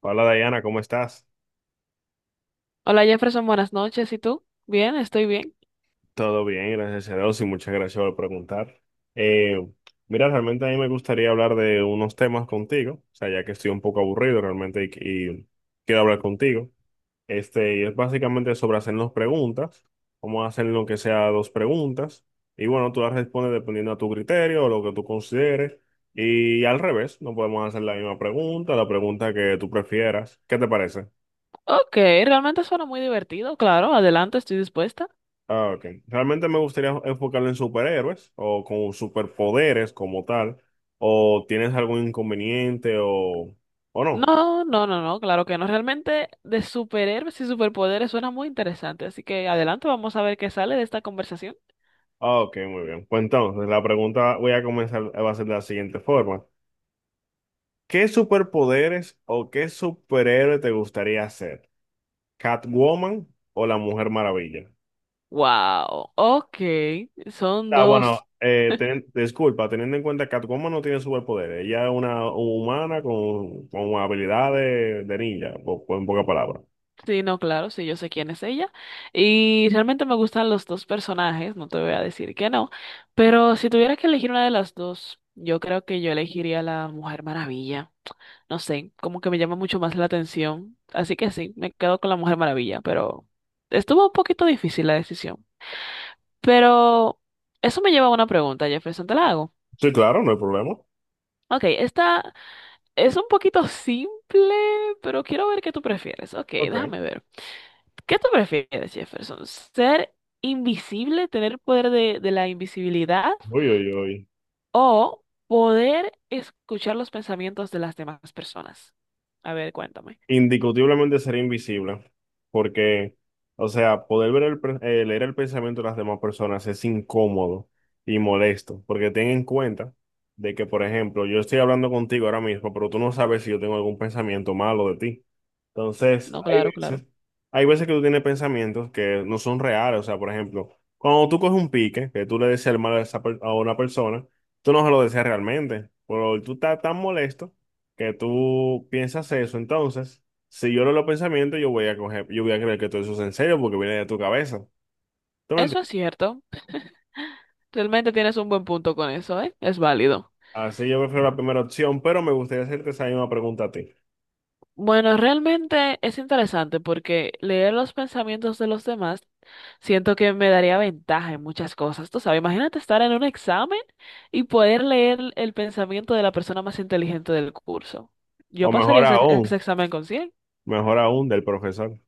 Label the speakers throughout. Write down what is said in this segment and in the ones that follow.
Speaker 1: Hola Diana, ¿cómo estás?
Speaker 2: Hola Jefferson, buenas noches. ¿Y tú? Bien, estoy bien.
Speaker 1: Todo bien, gracias a Dios y muchas gracias por preguntar. Eh, Mira, realmente a mí me gustaría hablar de unos temas contigo, o sea, ya que estoy un poco aburrido realmente y quiero hablar contigo. Este, y es básicamente sobre hacernos preguntas. Vamos a hacer lo que sea dos preguntas y bueno, tú las respondes dependiendo a tu criterio o lo que tú consideres. Y al revés, no podemos hacer la misma pregunta, la pregunta que tú prefieras. ¿Qué te parece?
Speaker 2: Ok, realmente suena muy divertido, claro. Adelante, estoy dispuesta.
Speaker 1: Ah, ok. Realmente me gustaría enfocarlo en superhéroes o con superpoderes como tal. ¿O tienes algún inconveniente o no?
Speaker 2: No, no, no, no, claro que no. Realmente de superhéroes y superpoderes suena muy interesante. Así que adelante, vamos a ver qué sale de esta conversación.
Speaker 1: Ah, ok, muy bien. Pues entonces, la pregunta voy a comenzar, va a ser de la siguiente forma. ¿Qué superpoderes o qué superhéroe te gustaría ser? ¿Catwoman o la Mujer Maravilla?
Speaker 2: Wow, ok. Son
Speaker 1: Ah, bueno,
Speaker 2: dos.
Speaker 1: disculpa, teniendo en cuenta que Catwoman no tiene superpoderes. Ella es una humana con habilidades de ninja, en pocas palabras.
Speaker 2: Sí, no, claro, sí, yo sé quién es ella. Y realmente me gustan los dos personajes, no te voy a decir que no. Pero si tuviera que elegir una de las dos, yo creo que yo elegiría la Mujer Maravilla. No sé, como que me llama mucho más la atención. Así que sí, me quedo con la Mujer Maravilla, pero estuvo un poquito difícil la decisión. Pero eso me lleva a una pregunta, Jefferson, te la hago.
Speaker 1: Sí, claro, no hay problema.
Speaker 2: Ok, esta es un poquito simple, pero quiero ver qué tú prefieres. Ok,
Speaker 1: Ok.
Speaker 2: déjame ver. ¿Qué tú prefieres, Jefferson? ¿Ser invisible, tener poder de la invisibilidad
Speaker 1: Uy, uy, uy.
Speaker 2: o poder escuchar los pensamientos de las demás personas? A ver, cuéntame.
Speaker 1: Indiscutiblemente sería invisible, porque, o sea, poder ver el, leer el pensamiento de las demás personas es incómodo y molesto, porque ten en cuenta de que, por ejemplo, yo estoy hablando contigo ahora mismo, pero tú no sabes si yo tengo algún pensamiento malo de ti. Entonces,
Speaker 2: No, claro, claro.
Speaker 1: hay veces que tú tienes pensamientos que no son reales, o sea, por ejemplo, cuando tú coges un pique, que tú le deseas el mal a, a una persona, tú no se lo deseas realmente, pero tú estás tan molesto que tú piensas eso, entonces, si yo leo los pensamientos, yo voy a coger, yo voy a creer que todo eso es en serio porque viene de tu cabeza. ¿Tú me
Speaker 2: Eso es
Speaker 1: entiendes?
Speaker 2: cierto. Realmente tienes un buen punto con eso, ¿eh? Es válido.
Speaker 1: Así yo prefiero la primera opción, pero me gustaría hacerte esa misma pregunta a ti.
Speaker 2: Bueno, realmente es interesante porque leer los pensamientos de los demás siento que me daría ventaja en muchas cosas. Tú sabes, imagínate estar en un examen y poder leer el pensamiento de la persona más inteligente del curso. Yo
Speaker 1: O
Speaker 2: pasaría ese, ese examen con 100.
Speaker 1: mejor aún del profesor.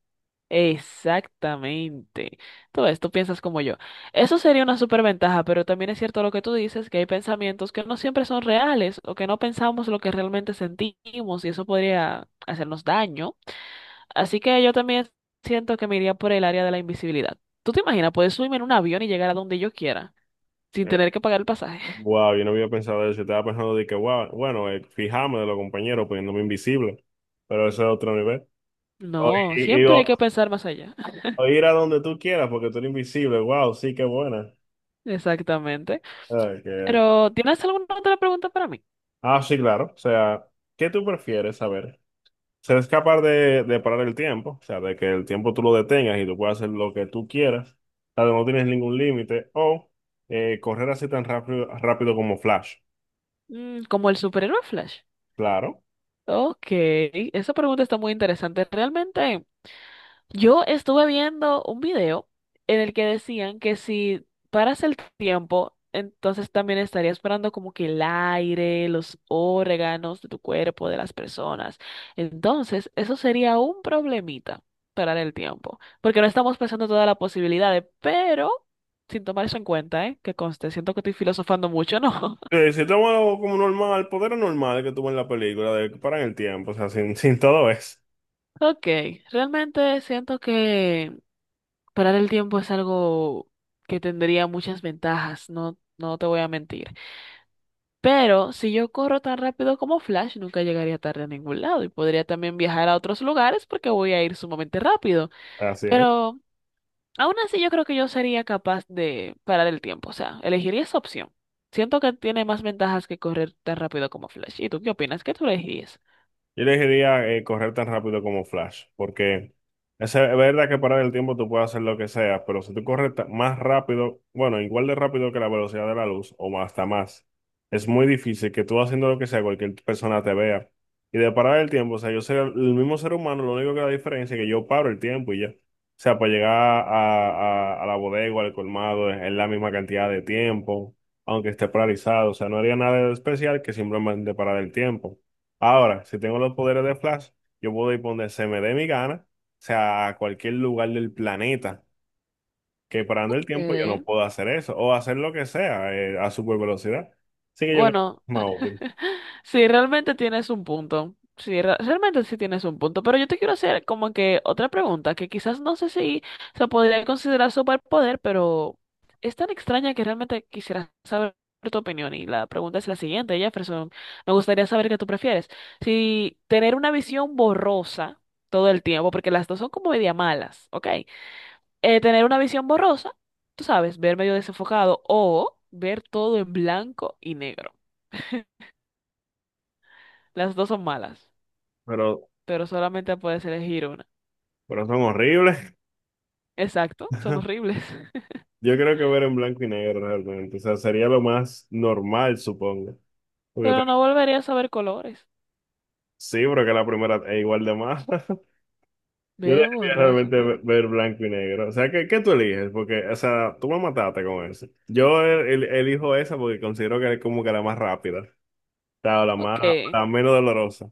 Speaker 2: Exactamente. Todo esto piensas como yo. Eso sería una superventaja, pero también es cierto lo que tú dices, que hay pensamientos que no siempre son reales o que no pensamos lo que realmente sentimos y eso podría hacernos daño. Así que yo también siento que me iría por el área de la invisibilidad. ¿Tú te imaginas? Puedes subirme en un avión y llegar a donde yo quiera sin
Speaker 1: Eh,
Speaker 2: tener que pagar el pasaje.
Speaker 1: wow, yo no había pensado eso. Yo estaba pensando de que, wow, bueno, fijarme de los compañeros, poniéndome invisible. Pero eso es otro nivel. O,
Speaker 2: No,
Speaker 1: y-
Speaker 2: siempre hay
Speaker 1: o-
Speaker 2: que pensar más allá.
Speaker 1: O ir a donde tú quieras porque tú eres invisible. Wow, sí, qué buena.
Speaker 2: Exactamente.
Speaker 1: Ah, que-
Speaker 2: Pero, ¿tienes alguna otra pregunta para mí?
Speaker 1: Ah, sí, claro. O sea, ¿qué tú prefieres saber? Ser capaz de parar el tiempo, o sea, de que el tiempo tú lo detengas y tú puedas hacer lo que tú quieras, o sea, no tienes ningún límite, o correr así tan rápido, rápido como Flash,
Speaker 2: Mm, como el superhéroe Flash.
Speaker 1: claro.
Speaker 2: Ok, esa pregunta está muy interesante. Realmente, yo estuve viendo un video en el que decían que si paras el tiempo, entonces también estarías parando como que el aire, los órganos de tu cuerpo, de las personas. Entonces, eso sería un problemita, parar el tiempo, porque no estamos pensando todas las posibilidades, pero sin tomar eso en cuenta, ¿eh? Que conste, siento que estoy filosofando mucho, ¿no?
Speaker 1: Si tomas algo como normal, el poder normal que tuvo en la película, de que paran el tiempo, o sea, sin, sin todo eso.
Speaker 2: Ok, realmente siento que... Parar el tiempo es algo que tendría muchas ventajas, no, no te voy a mentir. Pero si yo corro tan rápido como Flash, nunca llegaría tarde a ningún lado y podría también viajar a otros lugares porque voy a ir sumamente rápido.
Speaker 1: Así es.
Speaker 2: Pero aún así yo creo que yo sería capaz de parar el tiempo, o sea, elegiría esa opción. Siento que tiene más ventajas que correr tan rápido como Flash. ¿Y tú qué opinas? ¿Qué tú elegirías?
Speaker 1: Yo elegiría correr tan rápido como Flash, porque es verdad que parar el tiempo tú puedes hacer lo que sea, pero si tú más rápido, bueno, igual de rápido que la velocidad de la luz hasta más, es muy difícil que tú haciendo lo que sea, cualquier persona te vea. Y de parar el tiempo, o sea, yo soy el mismo ser humano, lo único que la diferencia es que yo paro el tiempo y ya. O sea, para llegar a la bodega o al colmado es la misma cantidad de tiempo, aunque esté paralizado, o sea, no haría nada de especial que simplemente parar el tiempo. Ahora, si tengo los poderes de Flash, yo puedo ir por donde se me dé mi gana, o sea, a cualquier lugar del planeta, que parando el tiempo yo no
Speaker 2: Eh,
Speaker 1: puedo hacer eso, o hacer lo que sea, a super velocidad. Así que yo creo que es
Speaker 2: Bueno,
Speaker 1: más útil,
Speaker 2: sí, realmente tienes un punto. Sí, realmente sí tienes un punto. Pero yo te quiero hacer como que otra pregunta, que quizás no sé si se podría considerar superpoder, pero es tan extraña que realmente quisiera saber tu opinión. Y la pregunta es la siguiente, Jefferson. Me gustaría saber qué tú prefieres. Si tener una visión borrosa todo el tiempo, porque las dos son como media malas, ¿ok? Tener una visión borrosa, tú sabes, ver medio desenfocado o ver todo en blanco y negro. Las dos son malas,
Speaker 1: pero,
Speaker 2: pero solamente puedes elegir una.
Speaker 1: pero son horribles.
Speaker 2: Exacto, son horribles.
Speaker 1: Yo creo que ver en blanco y negro realmente, o sea, sería lo más normal, supongo. Porque
Speaker 2: Pero no
Speaker 1: ta-
Speaker 2: volverías a ver colores.
Speaker 1: sí, pero que la primera es igual de más. Yo
Speaker 2: Ver
Speaker 1: debería
Speaker 2: borroso
Speaker 1: realmente
Speaker 2: todo el tiempo.
Speaker 1: ver blanco y negro. O sea, ¿qué, qué tú eliges? Porque, o sea, tú me mataste con eso. Yo elijo esa porque considero que es como que la más rápida. O sea, la
Speaker 2: Ok.
Speaker 1: más, la menos dolorosa.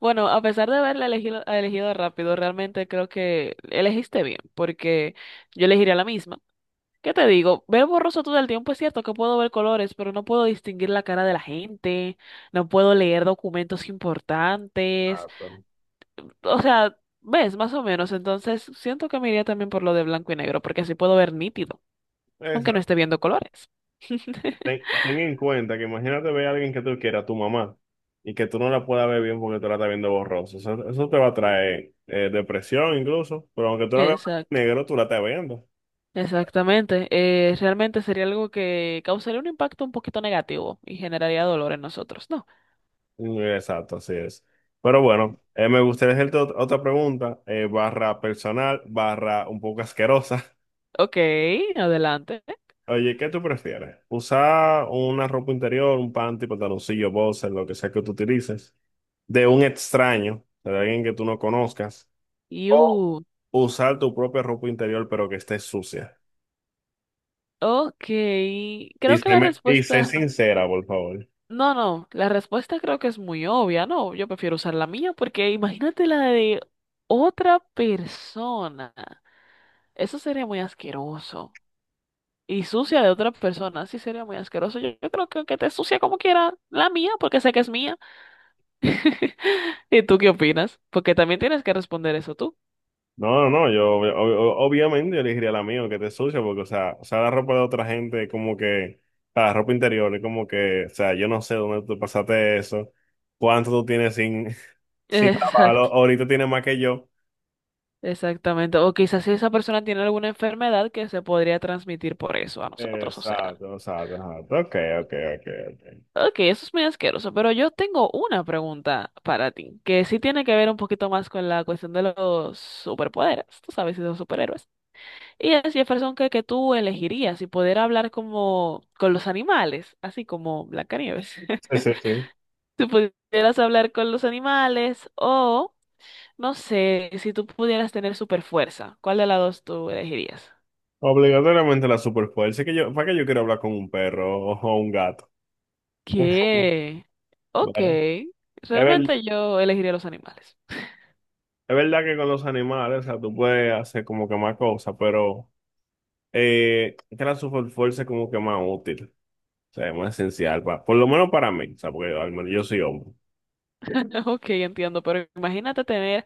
Speaker 2: Bueno, a pesar de haberla elegido, elegido rápido, realmente creo que elegiste bien, porque yo elegiría la misma. ¿Qué te digo? Ver borroso todo el tiempo es cierto que puedo ver colores, pero no puedo distinguir la cara de la gente, no puedo leer documentos importantes.
Speaker 1: Exacto.
Speaker 2: O sea, ves, más o menos. Entonces, siento que me iría también por lo de blanco y negro, porque así puedo ver nítido, aunque no
Speaker 1: Exacto.
Speaker 2: esté viendo colores.
Speaker 1: Ten, ten en cuenta que imagínate ver a alguien que tú quieras, tu mamá, y que tú no la puedas ver bien porque tú la estás viendo borrosa. Eso te va a traer depresión incluso. Pero aunque tú la veas blanco y
Speaker 2: Exacto,
Speaker 1: negro, tú la estás viendo.
Speaker 2: exactamente. Realmente sería algo que causaría un impacto un poquito negativo y generaría dolor en nosotros, ¿no?
Speaker 1: Mm, exacto, así es. Pero bueno, me gustaría hacerte otra pregunta, barra personal, barra un poco asquerosa.
Speaker 2: Ok, adelante.
Speaker 1: Oye, ¿qué tú prefieres? ¿Usar una ropa interior, un panty, pantaloncillo, boxer, lo que sea que tú utilices, de un extraño, de alguien que tú no conozcas, o
Speaker 2: You.
Speaker 1: usar tu propia ropa interior pero que esté sucia?
Speaker 2: Ok,
Speaker 1: Y
Speaker 2: creo que
Speaker 1: sé,
Speaker 2: la
Speaker 1: y sé
Speaker 2: respuesta...
Speaker 1: sincera, por favor.
Speaker 2: No, no, la respuesta creo que es muy obvia, ¿no? Yo prefiero usar la mía porque imagínate la de otra persona. Eso sería muy asqueroso. Y sucia de otra persona, sí sería muy asqueroso. Yo creo que te sucia como quiera, la mía, porque sé que es mía. ¿Y tú qué opinas? Porque también tienes que responder eso tú.
Speaker 1: No, no, no, yo obviamente yo elegiría la mía, que te sucia, porque, o sea, la ropa de otra gente, como que, o sea, la ropa interior, es como que, o sea, yo no sé dónde tú pasaste eso, cuánto tú tienes sin, sin lavarlo,
Speaker 2: Exacto,
Speaker 1: ahorita tienes más que yo.
Speaker 2: exactamente. O quizás si esa persona tiene alguna enfermedad que se podría transmitir por eso a nosotros. O sea,
Speaker 1: Exacto, exacto, exacto, ok, ok, ok, ok.
Speaker 2: ok, eso es muy asqueroso, pero yo tengo una pregunta para ti, que sí tiene que ver un poquito más con la cuestión de los superpoderes, tú sabes, y los superhéroes. Y es Jefferson que tú elegirías si poder hablar como con los animales, así como Blancanieves.
Speaker 1: Sí, sí, sí.
Speaker 2: Si pudieras hablar con los animales o... No sé, si tú pudieras tener super fuerza, ¿cuál de las dos tú elegirías?
Speaker 1: Obligatoriamente la superfuerza, es que yo, ¿para qué yo quiero hablar con un perro o un gato?
Speaker 2: ¿Qué? Ok,
Speaker 1: Claro. Es, ver-
Speaker 2: realmente yo elegiría los animales.
Speaker 1: es verdad que con los animales, o sea, tú puedes hacer como que más cosas, pero... Transform Force es como que más útil, o sea, es más esencial, por lo menos para mí, o sea, porque al menos yo soy hombre.
Speaker 2: Ok, entiendo, pero imagínate tener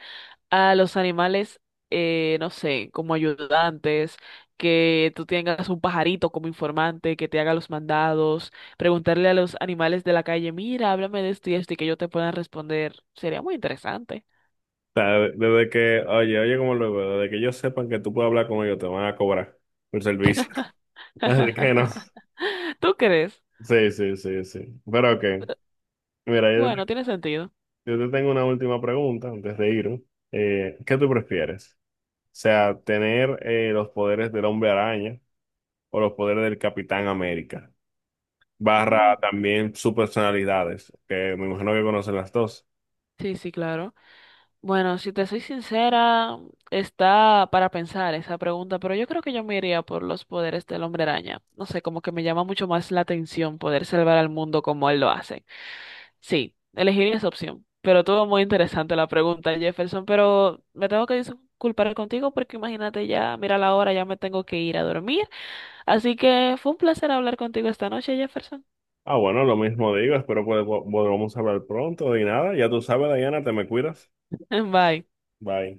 Speaker 2: a los animales, no sé, como ayudantes, que tú tengas un pajarito como informante que te haga los mandados, preguntarle a los animales de la calle, mira, háblame de esto y esto y que yo te puedan responder. Sería muy interesante.
Speaker 1: O sea, desde que, oye, oye, como lo veo, desde que ellos sepan que tú puedes hablar con ellos, te van a cobrar por servicio. Así que no.
Speaker 2: ¿Tú crees?
Speaker 1: Sí, sí, sí, sí. Pero ok. Mira,
Speaker 2: Bueno, tiene sentido.
Speaker 1: yo te tengo una última pregunta antes de irme. ¿qué tú prefieres? O sea, tener los poderes del Hombre Araña o los poderes del Capitán América,
Speaker 2: Mm,
Speaker 1: barra también sus personalidades, que me imagino que conocen las dos.
Speaker 2: sí, sí, claro. Bueno, si te soy sincera, está para pensar esa pregunta, pero yo creo que yo me iría por los poderes del hombre araña. No sé, como que me llama mucho más la atención poder salvar al mundo como él lo hace. Sí, elegiría esa opción. Pero todo muy interesante la pregunta, Jefferson, pero me tengo que disculpar contigo porque imagínate ya, mira la hora, ya me tengo que ir a dormir. Así que fue un placer hablar contigo esta noche, Jefferson.
Speaker 1: Ah, bueno, lo mismo digo, espero podamos hablar pronto y nada, ya tú sabes, Diana, te me cuidas.
Speaker 2: Bye.
Speaker 1: Bye.